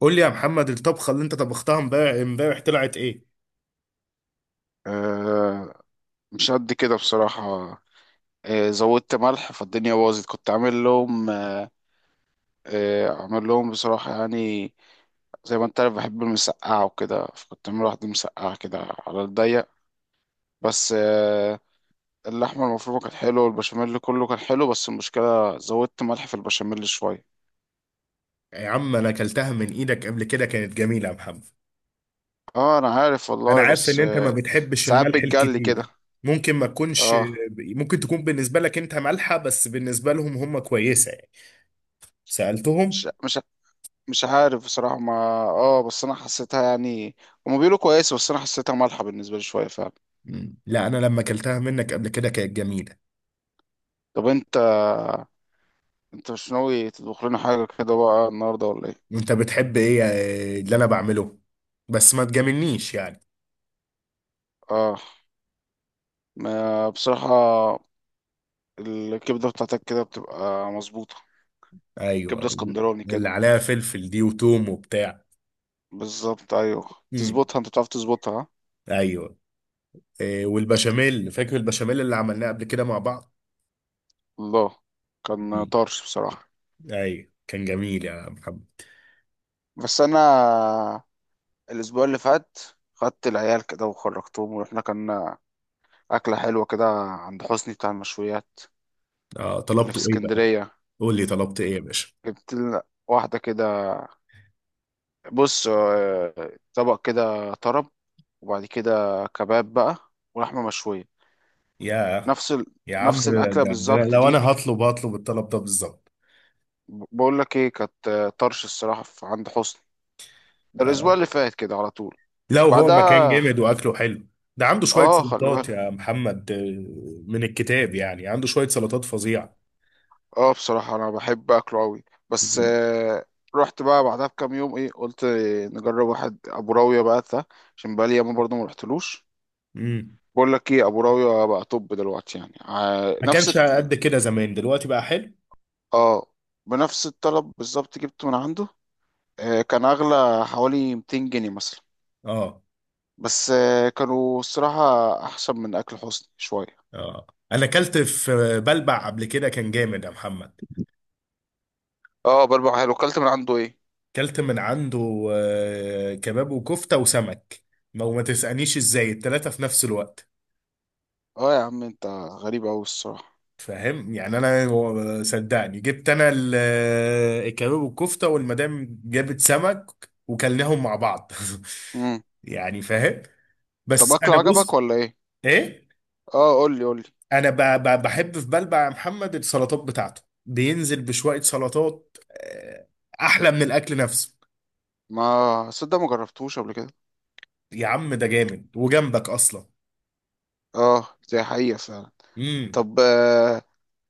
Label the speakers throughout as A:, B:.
A: قول لي يا محمد، الطبخة اللي انت طبختها امبارح طلعت ايه؟
B: آه، مش قد كده بصراحة. زودت ملح فالدنيا باظت، كنت عامل لهم عامل لهم بصراحة يعني. زي ما انت عارف بحب المسقعة وكده، فكنت عامل واحدة مسقعة كده على الضيق. بس، اللحمة المفرومة كانت حلوة والبشاميل كله كان حلو، بس المشكلة زودت ملح في البشاميل شوية.
A: يا عم انا اكلتها من ايدك قبل كده كانت جميلة يا محمد.
B: اه انا عارف
A: انا
B: والله،
A: عارف ان
B: بس
A: انت ما بتحبش
B: ساعات
A: الملح
B: بتجلي كده.
A: الكتير. ممكن ما تكونش
B: اه،
A: ممكن تكون بالنسبة لك انت مالحة، بس بالنسبة لهم هم كويسة يعني.
B: مش
A: سألتهم؟
B: مش مش عارف بصراحة ما، اه بس انا حسيتها يعني. هما بيقولوا كويسة بس انا حسيتها مالحة بالنسبة لي شوية فعلا.
A: مم. لا انا لما اكلتها منك قبل كده كانت جميلة.
B: طب انت مش ناوي تطبخ لنا حاجة كده بقى النهاردة ولا ايه؟
A: انت بتحب ايه اللي انا بعمله؟ بس ما تجاملنيش يعني.
B: اه، ما بصراحة الكبدة بتاعتك كده بتبقى مظبوطة، كبدة
A: ايوه،
B: اسكندراني
A: اللي
B: كده.
A: عليها فلفل دي وتوم وبتاع.
B: بالظبط ايوه.
A: مم.
B: تظبطها، انت بتعرف تظبطها ها؟
A: ايوه. إيه، والبشاميل فاكر البشاميل اللي عملناه قبل كده مع بعض.
B: الله، كان
A: مم.
B: طرش بصراحة.
A: ايوه، كان جميل يا محمد.
B: بس انا الاسبوع اللي فات خدت العيال كده وخرجتهم ورحنا، كان أكلة حلوة كده عند حسني بتاع المشويات
A: آه،
B: اللي في
A: طلبته ايه بقى؟
B: اسكندرية.
A: قول لي طلبت ايه يا باشا.
B: جبت لنا واحدة كده، بص، طبق كده طرب، وبعد كده كباب بقى ولحمة مشوية.
A: يا
B: نفس ال...
A: يا عم،
B: نفس
A: ده,
B: الأكلة
A: ده, ده
B: بالظبط
A: لو
B: دي.
A: انا هطلب الطلب ده بالظبط.
B: بقول لك ايه، كانت طرش الصراحة في عند حسني، ده الأسبوع
A: آه.
B: اللي فات كده على طول.
A: لو هو مكان
B: بعدها
A: جامد واكله حلو. ده عنده شوية
B: اه خلي
A: سلطات
B: بالك.
A: يا محمد، من الكتاب يعني عنده شوية سلطات فظيعة.
B: اه بصراحة أنا بحب أكله أوي، بس
A: مم.
B: رحت بقى بعدها بكام يوم، ايه قلت نجرب واحد أبو راوية بقى ده عشان بقالي ياما برضه ما رحتلوش.
A: مم.
B: بقول لك ايه، ابو راوية بقى، طب دلوقتي يعني
A: ما
B: نفس
A: كانش قد كده زمان، دلوقتي بقى حلو.
B: اه بنفس الطلب بالظبط جبته من عنده، كان اغلى حوالي 200 جنيه مثلا،
A: اه.
B: بس كانوا الصراحة احسن من اكل حسني شوية.
A: اه، انا اكلت في بلبع قبل كده كان جامد يا محمد.
B: اه، بربع حلو، اكلت من عنده ايه؟
A: كلت من عنده كباب وكفتة وسمك. ما وما تسألنيش ازاي التلاتة في نفس الوقت.
B: اه يا عم انت غريب اوي الصراحة.
A: فاهم يعني انا صدقني جبت انا الكباب والكفتة، والمدام جابت سمك. وكلناهم مع بعض
B: امم.
A: يعني فاهم.
B: طب
A: بس
B: اكله
A: انا
B: عجبك
A: بص.
B: ولا ايه؟
A: ايه،
B: اه، قول لي قول لي.
A: انا بحب في بلبع يا محمد، السلطات بتاعته بينزل بشوية سلطات. احلى من الاكل نفسه.
B: ما صدق ما جربتوش قبل كده.
A: يا عم ده جامد وجنبك اصلا.
B: اه دي حقيقة فعلا.
A: امم.
B: طب،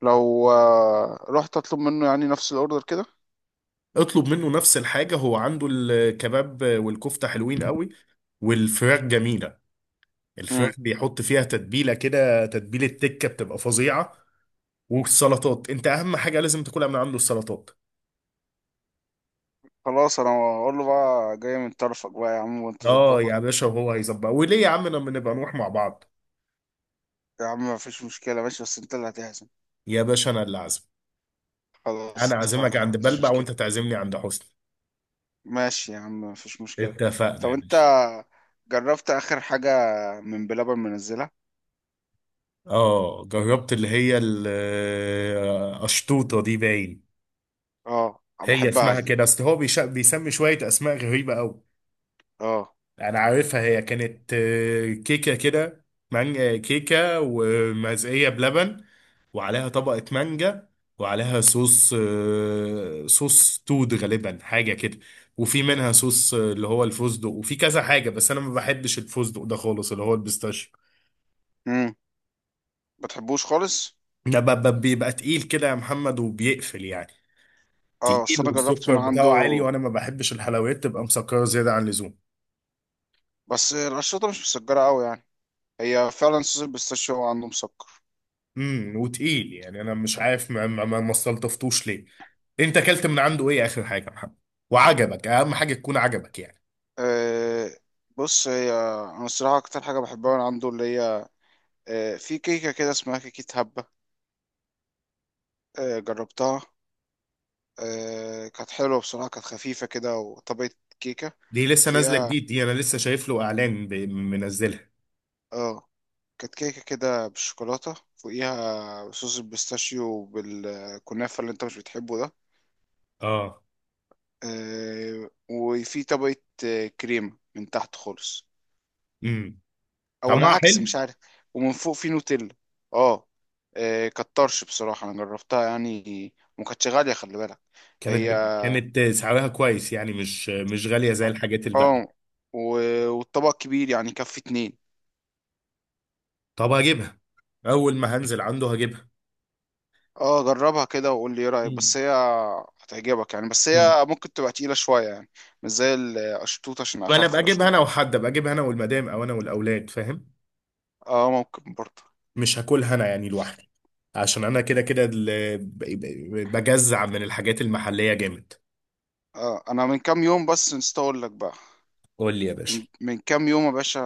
B: لو رحت اطلب منه يعني نفس الاوردر كده.
A: اطلب منه نفس الحاجة، هو عنده الكباب والكفتة حلوين قوي. والفراخ جميلة. الفراخ بيحط فيها تتبيلة كده، تتبيلة تكة بتبقى فظيعة. والسلطات انت اهم حاجة لازم تاكلها من عنده السلطات.
B: خلاص انا هقول له بقى جاي من طرفك بقى يا عم، وانت
A: اه يا
B: ظبطني.
A: باشا، وهو هيظبط، وليه يا عم لما نبقى نروح مع بعض.
B: يا عم مفيش مشكلة ماشي، بس انت اللي هتحزم.
A: يا باشا انا اللي عازم. انا
B: خلاص اتفقنا،
A: عازمك
B: ما
A: عند
B: عنديش
A: بلبع وانت
B: مشكلة.
A: تعزمني عند حسن.
B: ماشي يا عم، مفيش مشكلة.
A: اتفقنا
B: طب
A: يا
B: انت
A: باشا.
B: جربت اخر حاجة من بلبن منزلها؟
A: اه، جربت اللي هي القشطوطة دي باين.
B: اه أنا
A: هي
B: بحبها
A: اسمها
B: دي.
A: كده، اصل هو بيسمي شوية اسماء غريبة قوي.
B: اه.
A: انا عارفها، هي كانت كيكه كده. مانجا كيكه. ومزقيه بلبن. وعليها طبقه مانجا. وعليها صوص تود غالبا حاجه كده. وفي منها صوص اللي هو الفستق، وفي كذا حاجه بس انا ما بحبش الفستق ده خالص، اللي هو البيستاشيو.
B: امم بتحبوش خالص.
A: ده بيبقى تقيل كده يا محمد وبيقفل يعني.
B: اه اصل
A: تقيل،
B: انا جربت
A: والسكر
B: من عنده.
A: بتاعه عالي وانا ما بحبش الحلويات تبقى مسكره زياده عن اللزوم.
B: بس القشطة مش مسكرة قوي يعني، هي فعلا صوص البيستاشيو هو عنده مسكر.
A: وتقيل يعني، انا مش عارف ما استلطفتوش ليه. انت اكلت من عنده ايه اخر حاجه يا محمد؟ وعجبك اهم حاجه تكون عجبك يعني.
B: أه بص، هي انا الصراحة اكتر حاجة بحبها من عنده اللي هي، في كيكة كده، اسمها كيكة هبة. جربتها. كانت حلوة بصراحة، كانت خفيفة كده، وطبقة كيكة
A: دي لسه نازله
B: فيها.
A: جديد، دي انا لسه شايف له اعلان منزلها.
B: اه كانت كيكة كده بالشوكولاتة، فوقيها صوص البيستاشيو وبالكنافة اللي انت مش بتحبه ده،
A: اه.
B: وفي طبقة كريمة من تحت خالص،
A: امم.
B: او
A: طعمها
B: العكس
A: حلو.
B: مش عارف. ومن فوق في نوتيلا. اه. كانت طرش بصراحة، انا جربتها يعني، وما كانتش غالية خلي بالك. هي،
A: كانت سعرها كويس يعني، مش غاليه زي الحاجات الباقيه.
B: اه، والطبق كبير يعني، يكفي اتنين.
A: طب هجيبها. اول ما هنزل عنده هجيبها.
B: اه جربها كده وقول لي ايه رأيك،
A: مم.
B: بس هي هتعجبك يعني، بس
A: مم.
B: هي ممكن تبقى تقيلة شوية يعني، مش زي القشطوطة عشان
A: ما انا
B: اخف القشطوطة.
A: ابقى اجيبها انا والمدام، او انا والاولاد، فاهم.
B: اه ممكن برضه.
A: مش هاكلها انا يعني لوحدي. عشان انا كده كده بجزع من الحاجات المحلية جامد.
B: انا من كام يوم بس نسيت اقول لك بقى،
A: قول لي يا باشا.
B: من كام يوم يا باشا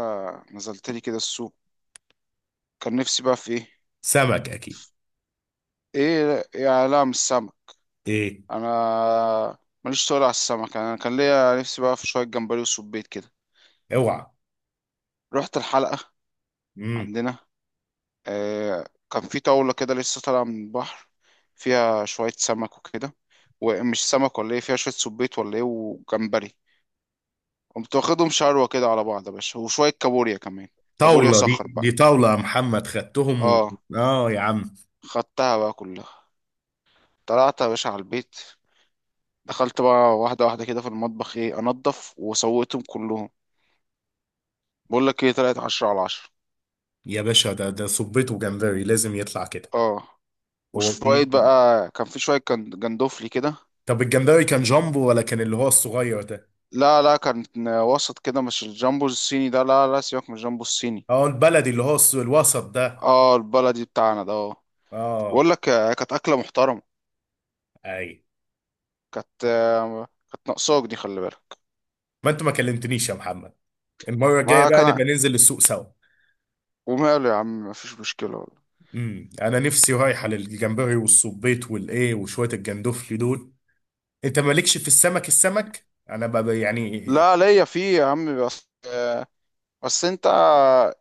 B: نزلت لي كده السوق، كان نفسي بقى في ايه.
A: سمك اكيد.
B: ايه؟ يا، لا مش سمك.
A: ايه.
B: انا ماليش، تقول على السمك؟ انا كان ليا نفسي بقى في شوية جمبري وسبيت كده.
A: اوعى.
B: رحت الحلقة
A: امم.
B: عندنا، آه، كان في طاولة كده لسه طالعة من البحر، فيها شوية سمك وكده، ومش سمك ولا ايه، فيها شوية سبيط ولا ايه وجمبري. قمت واخدهم شروة كده على بعض يا باشا، وشوية كابوريا كمان، كابوريا
A: طاولة، دي
B: صخر بقى.
A: دي طاولة يا محمد، خدتهم
B: اه،
A: اه. يا عم.
B: خدتها بقى كلها، طلعت يا باشا على البيت، دخلت بقى واحدة واحدة كده في المطبخ، ايه انضف، وسويتهم كلهم. بقول لك ايه، طلعت 10 على 10.
A: يا باشا، ده صبيته جمبري لازم يطلع كده.
B: اه،
A: هو
B: وشوية
A: في.
B: بقى كان في شوية جندوفلي كده.
A: طب الجمبري كان جامبو ولا كان اللي هو الصغير ده؟
B: لا لا، كان وسط كده، مش الجامبو الصيني ده، لا لا سيبك من الجامبو الصيني.
A: اه، البلدي اللي هو الوسط ده.
B: اه البلدي بتاعنا ده، اه.
A: اه.
B: بقول لك، كانت اكله محترمه،
A: اي.
B: كانت ناقصاك دي، خلي بالك.
A: ما انت ما كلمتنيش يا محمد. المرة الجاية
B: ما
A: بقى
B: كان،
A: نبقى ننزل السوق سوا.
B: وماله يا عم، مفيش مشكله والله.
A: امم. انا نفسي رايحه للجمبري والصبيط والايه وشويه الجندوفلي دول. انت مالكش في السمك، السمك انا بقى يعني.
B: لا ليا فيه يا عم، بس بس انت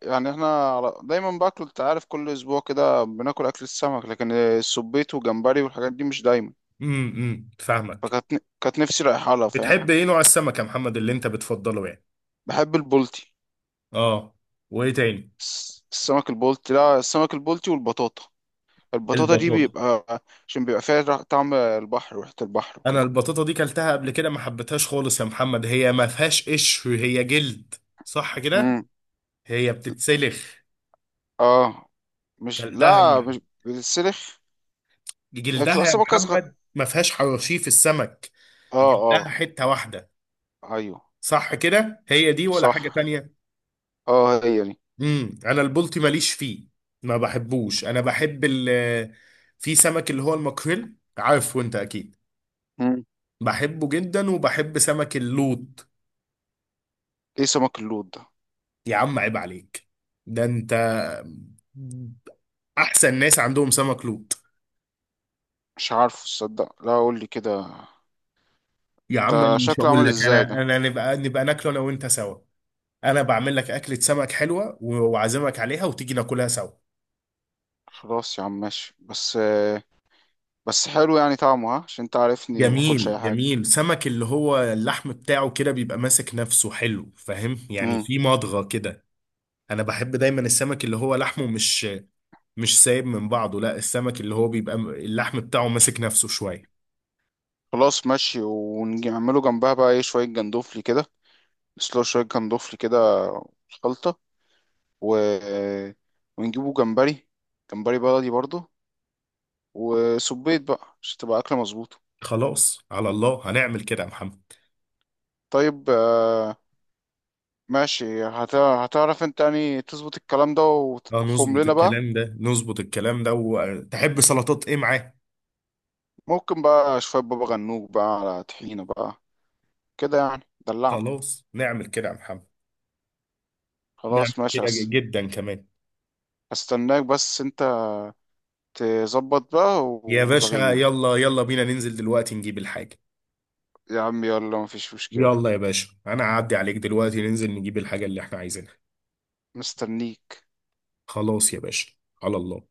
B: يعني، احنا دايما باكل، انت عارف، كل اسبوع كده بناكل اكل السمك، لكن السبيط وجمبري والحاجات دي مش دايما.
A: امم، امم، فاهمك.
B: فكانت كانت نفسي رايحه لها، فاهم.
A: بتحب ايه نوع السمك يا محمد اللي انت بتفضله يعني؟
B: بحب البولتي.
A: اه. وايه تاني؟
B: السمك البلطي، لا السمك البلطي والبطاطا. البطاطا دي
A: البطاطا.
B: بيبقى، عشان بيبقى فيها طعم البحر وريحة البحر
A: انا
B: وكده.
A: البطاطا دي كلتها قبل كده ما حبيتهاش خالص يا محمد، هي ما فيهاش قشر، هي جلد. صح كده؟
B: امم.
A: هي بتتسلخ.
B: اه، مش،
A: كلتها
B: لا
A: مع
B: مش بالسلخ. هي
A: جلدها
B: بتبقى
A: يا
B: سمكة صغيرة.
A: محمد، ما فيهاش حرشيف السمك.
B: اه
A: جلدها
B: اه.
A: حته واحده.
B: ايوه.
A: صح كده، هي دي ولا
B: صح.
A: حاجة تانية؟
B: اه هي دي.
A: انا البلطي ماليش فيه. ما بحبوش، انا بحب في سمك اللي هو الماكريل عارفه انت اكيد.
B: مم.
A: بحبه جدا، وبحب سمك اللوط.
B: ايه سمك اللود ده؟
A: يا عم عيب عليك. ده انت احسن ناس عندهم سمك لوط.
B: مش عارفه، تصدق؟ لا قول لي كده،
A: يا عم
B: ده
A: انا مش
B: شكله
A: هقول
B: عامل
A: لك،
B: ازاي
A: انا
B: ده؟
A: انا نبقى ناكله انا وانت سوا. انا بعمل لك اكلة سمك حلوة وعازمك عليها وتيجي ناكلها سوا.
B: خلاص يا عم ماشي، بس، بس حلو يعني طعمه، ها؟ عشان انت عارفني ما باكلش اي
A: جميل
B: حاجة.
A: جميل، سمك اللي هو اللحم بتاعه كده بيبقى ماسك نفسه حلو، فاهم يعني في مضغة كده. انا بحب دايما السمك اللي هو لحمه مش سايب من بعضه، لا السمك اللي هو بيبقى اللحم بتاعه ماسك نفسه شوية.
B: خلاص ماشي، ونعمله جنبها بقى ايه، شوية جندوفلي كده، نسلق شوية جندوفلي كده، خلطة، و... ونجيبه جمبري، جمبري بلدي برضه، وسبيت بقى عشان تبقى أكلة مظبوطة.
A: خلاص، على الله هنعمل كده يا محمد.
B: طيب، ماشي، هتعرف انت يعني تظبط الكلام ده
A: اه
B: وتطبخهم
A: نظبط
B: لنا بقى.
A: الكلام ده نظبط الكلام ده، وتحب سلطات ايه معاه؟
B: ممكن بقى شوية بابا غنوج بقى على طحينة بقى، كده يعني دلعنا.
A: خلاص نعمل كده يا محمد. نعمل
B: خلاص ماشي،
A: كده جدا كمان.
B: هستناك، بس انت تظبط بقى
A: يا باشا
B: ولغيني يعني.
A: يلا يلا بينا ننزل دلوقتي نجيب الحاجة.
B: يا عم يلا مفيش مشكلة،
A: يلا يا باشا انا هعدي عليك دلوقتي، ننزل نجيب الحاجة اللي احنا عايزينها.
B: مستنيك.
A: خلاص يا باشا. على الله.